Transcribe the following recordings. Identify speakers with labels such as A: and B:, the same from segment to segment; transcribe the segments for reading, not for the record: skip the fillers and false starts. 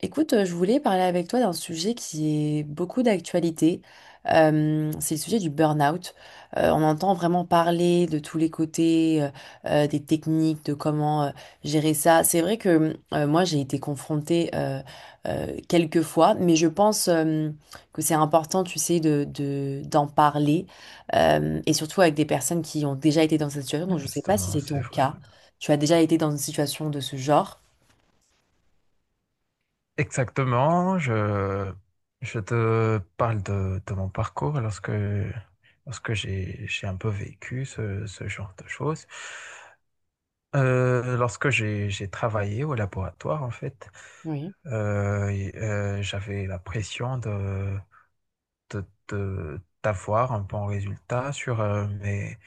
A: Écoute, je voulais parler avec toi d'un sujet qui est beaucoup d'actualité. C'est le sujet du burn-out. On entend vraiment parler de tous les côtés, des techniques, de comment gérer ça. C'est vrai que moi, j'ai été confrontée quelques fois, mais je pense que c'est important, tu sais, d'en parler, et surtout avec des personnes qui ont déjà été dans cette situation. Donc, je ne sais pas si
B: Justement,
A: c'est
B: c'est
A: ton
B: vrai.
A: cas. Tu as déjà été dans une situation de ce genre.
B: Exactement, je te parle de mon parcours lorsque, j'ai un peu vécu ce genre de choses. J'ai travaillé au laboratoire, en fait,
A: Oui,
B: j'avais la pression d'avoir un bon résultat sur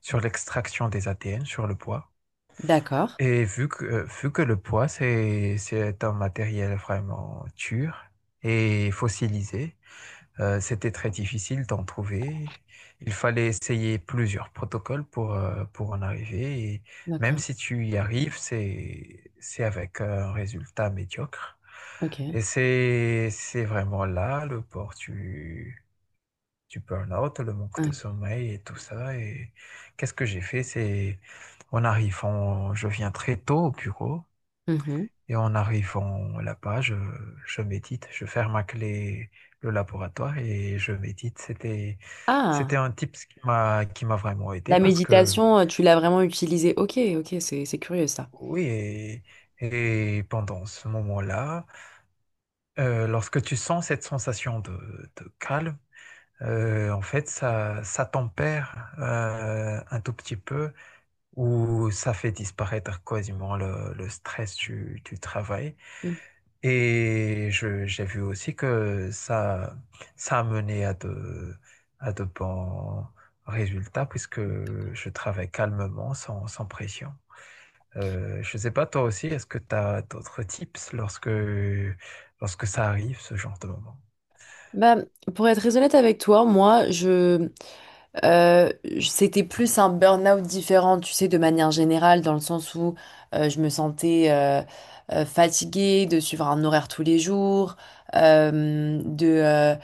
B: sur l'extraction des ADN, sur le poids.
A: d'accord,
B: Vu que le bois, c'est un matériel vraiment dur et fossilisé, c'était très difficile d'en trouver. Il fallait essayer plusieurs protocoles pour en arriver. Et même
A: d'accord.
B: si tu y arrives, c'est avec un résultat médiocre.
A: OK.
B: Et c'est vraiment là le port du burn-out, le manque de
A: OK.
B: sommeil et tout ça. Et qu'est-ce que j'ai fait? C'est, on arrive, je viens très tôt au bureau.
A: Mmh.
B: Et en arrivant là-bas, je médite, je ferme à clé le laboratoire et je médite. C'était
A: Ah!
B: un tip qui m'a vraiment aidé
A: La
B: parce que,
A: méditation, tu l'as vraiment utilisée. OK, OK, c'est curieux ça.
B: oui, et pendant ce moment-là, lorsque tu sens cette sensation de calme, ça tempère un tout petit peu ou ça fait disparaître quasiment le stress du travail.
A: Mmh.
B: Et j'ai vu aussi ça a mené à de bons résultats puisque je travaille calmement, sans pression. Je ne sais pas, toi aussi, est-ce que tu as d'autres tips lorsque, lorsque ça arrive, ce genre de moment?
A: Bah, pour être très honnête avec toi, moi, je, j c'était plus un burn-out différent, tu sais, de manière générale, dans le sens où, je me sentais, fatiguée de suivre un horaire tous les jours, hem, de, euh,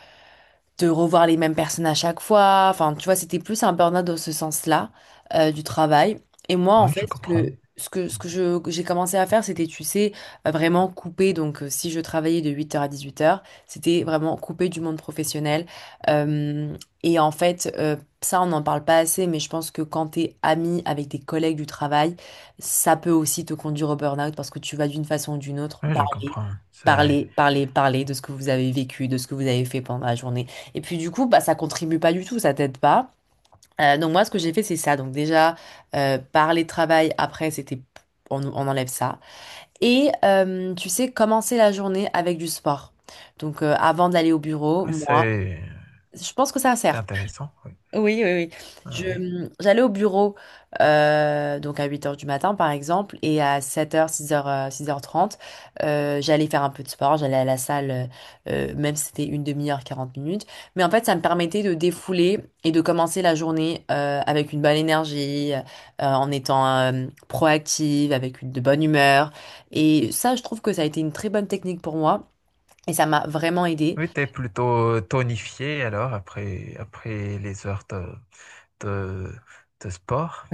A: de revoir les mêmes personnes à chaque fois. Enfin, tu vois, c'était plus un burn-out dans ce sens-là, du travail. Et moi, en
B: Oui,
A: fait,
B: je comprends. Mhm.
A: que j'ai commencé à faire, c'était, tu sais, vraiment couper. Donc, si je travaillais de 8 heures à 18 heures, c'était vraiment couper du monde professionnel. Euh, et en fait, ça, on n'en parle pas assez, mais je pense que quand t'es ami avec tes collègues du travail, ça peut aussi te conduire au burn-out parce que tu vas d'une façon ou d'une autre
B: Oui, je
A: parler.
B: comprends.
A: Parler, parler, parler de ce que vous avez vécu, de ce que vous avez fait pendant la journée. Et puis du coup, bah, ça contribue pas du tout, ça t'aide pas. Donc moi, ce que j'ai fait, c'est ça. Donc déjà, parler de travail, après, c'était. On enlève ça. Et tu sais, commencer la journée avec du sport. Donc avant d'aller au bureau,
B: Ouais,
A: moi, je pense que ça
B: c'est
A: sert.
B: intéressant. Oui.
A: Oui, oui, oui.
B: Oui.
A: J'allais au bureau donc à huit heures du matin par exemple et à 7h, 6h, 6h30, j'allais faire un peu de sport, j'allais à la salle même si c'était une demi-heure, 40 minutes. Mais en fait, ça me permettait de défouler et de commencer la journée avec une bonne énergie, en étant proactive, avec une de bonne humeur. Et ça, je trouve que ça a été une très bonne technique pour moi et ça m'a vraiment aidée.
B: Oui, t'es plutôt tonifié alors après, après les heures de, de sport.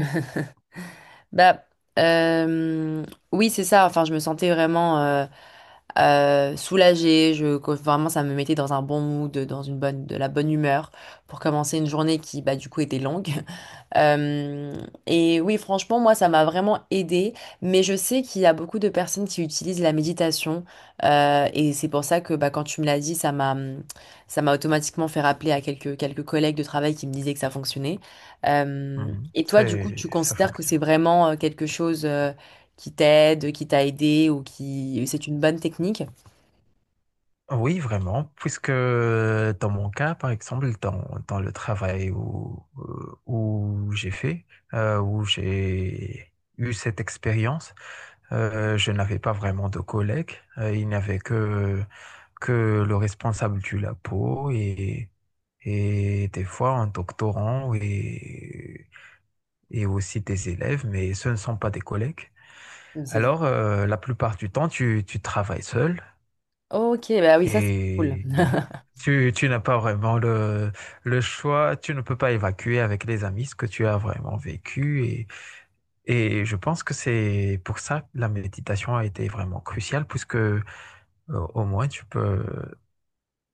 A: Bah, euh, oui, c'est ça. Enfin, je me sentais vraiment soulagée. Que vraiment, ça me mettait dans un bon mood, dans de la bonne humeur pour commencer une journée qui, bah, du coup, était longue. Euh, et oui, franchement, moi, ça m'a vraiment aidée. Mais je sais qu'il y a beaucoup de personnes qui utilisent la méditation. Et c'est pour ça que bah, quand tu me l'as dit, ça m'a automatiquement fait rappeler à quelques collègues de travail qui me disaient que ça fonctionnait. Euh,
B: Mhm.
A: et toi, du coup, tu
B: Ça
A: considères que c'est
B: fonctionne.
A: vraiment quelque chose qui t'aide, qui t'a aidé ou qui. C'est une bonne technique?
B: Oui, vraiment, puisque dans mon cas, par exemple, dans le travail où, où j'ai eu cette expérience, je n'avais pas vraiment de collègues. Il n'y avait que le responsable du labo et des fois un doctorant et aussi tes élèves, mais ce ne sont pas des collègues.
A: Oui, c'est ça.
B: La plupart du temps, tu travailles seul
A: Ok, bah oui, ça, c'est cool.
B: et tu n'as pas vraiment le choix, tu ne peux pas évacuer avec les amis ce que tu as vraiment vécu. Et je pense que c'est pour ça que la méditation a été vraiment cruciale, puisque au moins tu peux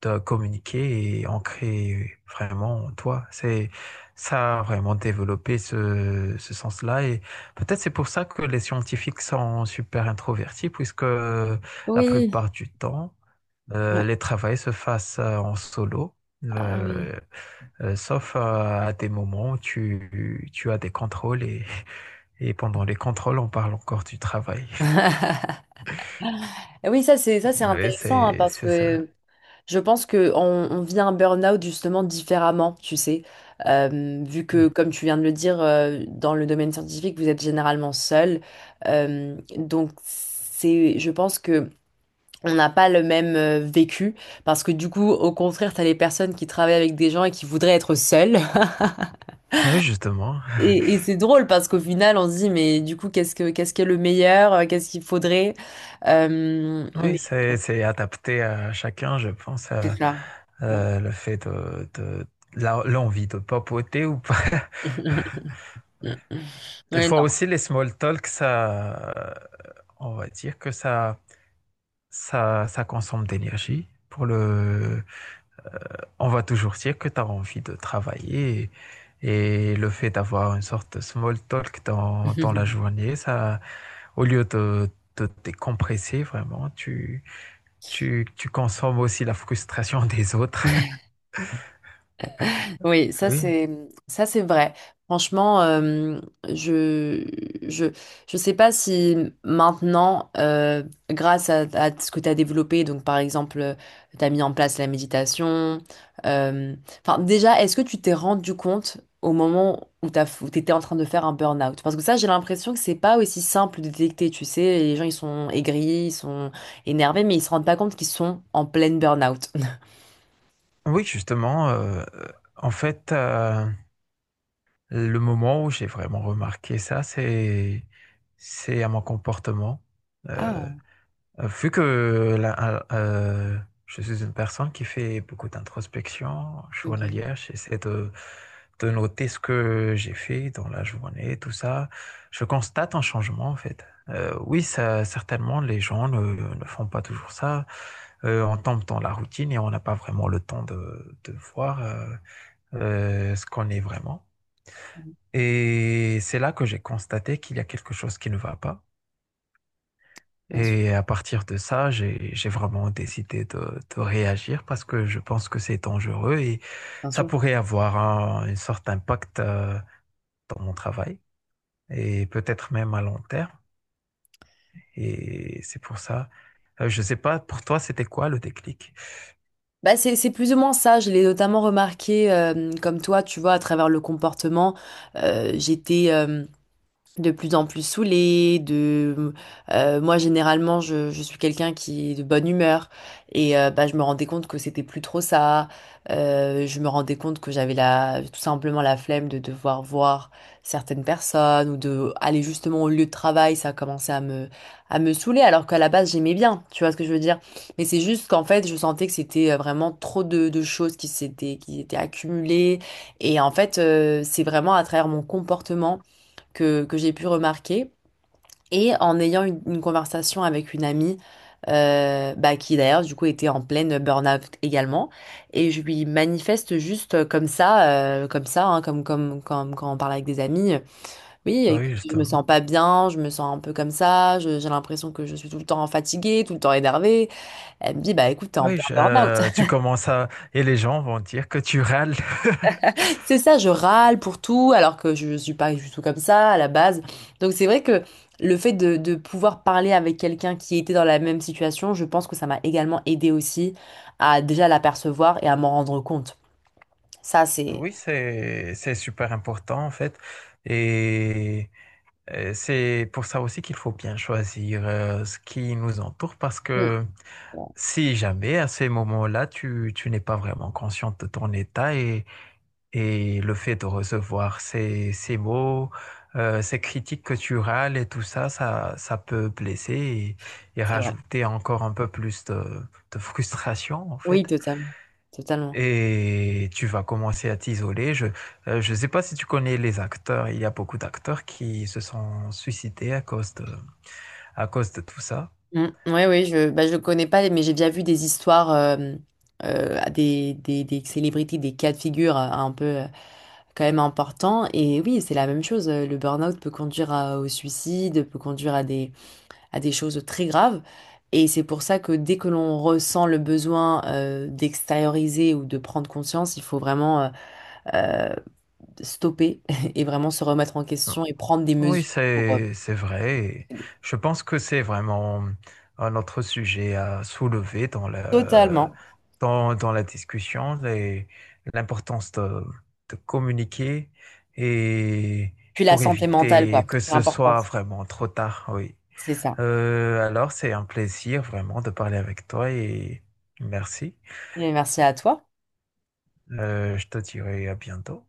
B: de communiquer et ancrer vraiment toi. C'est ça a vraiment développé ce, ce sens-là et peut-être c'est pour ça que les scientifiques sont super introvertis puisque la
A: Oui.
B: plupart du temps
A: Ouais.
B: les travaux se fassent en solo.
A: Ah oui.
B: euh, Sauf à des moments où tu as des contrôles et pendant les contrôles, on parle encore du travail.
A: Oui, ça c'est ça c'est
B: Oui,
A: intéressant hein, parce
B: c'est ça.
A: que je pense que on vit un burn-out justement différemment, tu sais. Vu que,
B: Mm.
A: comme tu viens de le dire, dans le domaine scientifique, vous êtes généralement seul. Donc, c'est, je pense que on n'a pas le même vécu, parce que du coup, au contraire, tu as les personnes qui travaillent avec des gens et qui voudraient être seules.
B: Oui, justement.
A: Et c'est drôle parce qu'au final, on se dit, mais du coup, qu'est-ce qui est le meilleur? Qu'est-ce qu'il faudrait? Mais
B: Oui, c'est adapté à chacun, je pense,
A: c'est ça.
B: le fait l'envie de papoter ou pas. Des
A: Ouais,
B: fois
A: non.
B: aussi, les small talk, on va dire ça consomme d'énergie. Pour le, on va toujours dire que tu as envie de travailler et le fait d'avoir une sorte de small talk dans, dans la journée, ça, au lieu de décompresser vraiment, tu consommes aussi la frustration des autres.
A: Oui, ça
B: Oui.
A: c'est ça c'est vrai. Franchement, je je je sais pas si maintenant, grâce à ce que tu as développé, donc par exemple, tu as mis en place la méditation. euh, Enfin, déjà, est-ce que tu t'es rendu compte au moment où où t'étais en train de faire un burn-out? Parce que ça, j'ai l'impression que c'est pas aussi simple de détecter. Tu sais, les gens ils sont aigris, ils sont énervés, mais ils se rendent pas compte qu'ils sont en pleine burn-out.
B: Oui, justement, en fait, heu, le moment où j'ai vraiment remarqué ça, c'est à mon comportement. euh,
A: Ah,
B: Vu que je suis une personne qui fait beaucoup d'introspection
A: ok.
B: journalière, de noter ce que j'ai fait dans la journée, tout ça. Je constate un changement en fait. Oui, ça, certainement, les gens ne, ne font pas toujours ça. On tombe dans la routine et on n'a pas vraiment le temps de voir ce qu'on est vraiment. Et c'est là que j'ai constaté qu'il y a quelque chose qui ne va pas.
A: Bien sûr,
B: Et à partir de ça, j'ai vraiment décidé de réagir parce que je pense que c'est dangereux et
A: bien
B: ça
A: sûr.
B: pourrait avoir une sorte d'impact dans mon travail et peut-être même à long terme. Et c'est pour ça. Je ne sais pas, pour toi, c'était quoi le déclic?
A: Bah c'est plus ou moins ça. Je l'ai notamment remarqué, comme toi, tu vois, à travers le comportement. J'étais, de plus en plus saoulée, de moi généralement je suis quelqu'un qui est de bonne humeur et bah, je me rendais compte que c'était plus trop ça. Je me rendais compte que j'avais la tout simplement la flemme de devoir voir certaines personnes ou de aller justement au lieu de travail, ça commençait à me saouler alors qu'à la base j'aimais bien, tu vois ce que je veux dire. Mais c'est juste qu'en fait je sentais que c'était vraiment trop de choses qui étaient accumulées et en fait c'est vraiment à travers mon comportement que j'ai pu remarquer. Et en ayant une conversation avec une amie, bah, qui d'ailleurs du coup était en pleine burn-out également, et je lui manifeste juste comme ça, hein, comme quand on parle avec des amis, oui,
B: Ah oui,
A: écoute, je me sens
B: justement.
A: pas bien, je me sens un peu comme ça, j'ai l'impression que je suis tout le temps fatiguée, tout le temps énervée. Elle me dit, bah écoute, t'es
B: Ah
A: en
B: oui,
A: plein burn-out.
B: tu commences à... Et les gens vont dire que tu râles.
A: C'est ça, je râle pour tout, alors que je suis pas du tout comme ça à la base. Donc c'est vrai que le fait de pouvoir parler avec quelqu'un qui était dans la même situation, je pense que ça m'a également aidé aussi à déjà l'apercevoir et à m'en rendre compte. Ça, c'est.
B: Oui, c'est super important en fait. Et c'est pour ça aussi qu'il faut bien choisir ce qui nous entoure parce
A: Mm.
B: que
A: Ouais,
B: si jamais à ces moments-là, tu n'es pas vraiment consciente de ton état et le fait de recevoir ces mots, ces critiques que tu râles et tout ça, ça peut blesser et
A: c'est vrai.
B: rajouter encore un peu plus de frustration en
A: Oui,
B: fait.
A: totalement. Totalement.
B: Et tu vas commencer à t'isoler. Je ne sais pas si tu connais les acteurs. Il y a beaucoup d'acteurs qui se sont suicidés à cause de tout ça.
A: Mm. Ouais, oui, bah, je connais pas, mais j'ai déjà vu des histoires à des célébrités, des cas de figure un peu quand même importants. Et oui, c'est la même chose. Le burn-out peut conduire au suicide, peut conduire à des choses très graves. Et c'est pour ça que dès que l'on ressent le besoin d'extérioriser ou de prendre conscience, il faut vraiment stopper et vraiment se remettre en question et prendre des
B: Oui,
A: mesures pour
B: c'est vrai. Et
A: aider.
B: je pense que c'est vraiment un autre sujet à soulever dans
A: Totalement.
B: dans la discussion, l'importance de communiquer et
A: Puis la
B: pour
A: santé mentale,
B: éviter
A: quoi.
B: que
A: C'est
B: ce
A: important.
B: soit vraiment trop tard, oui.
A: C'est ça.
B: Alors, c'est un plaisir vraiment de parler avec toi et merci.
A: Mais merci à toi.
B: Je te dirai à bientôt.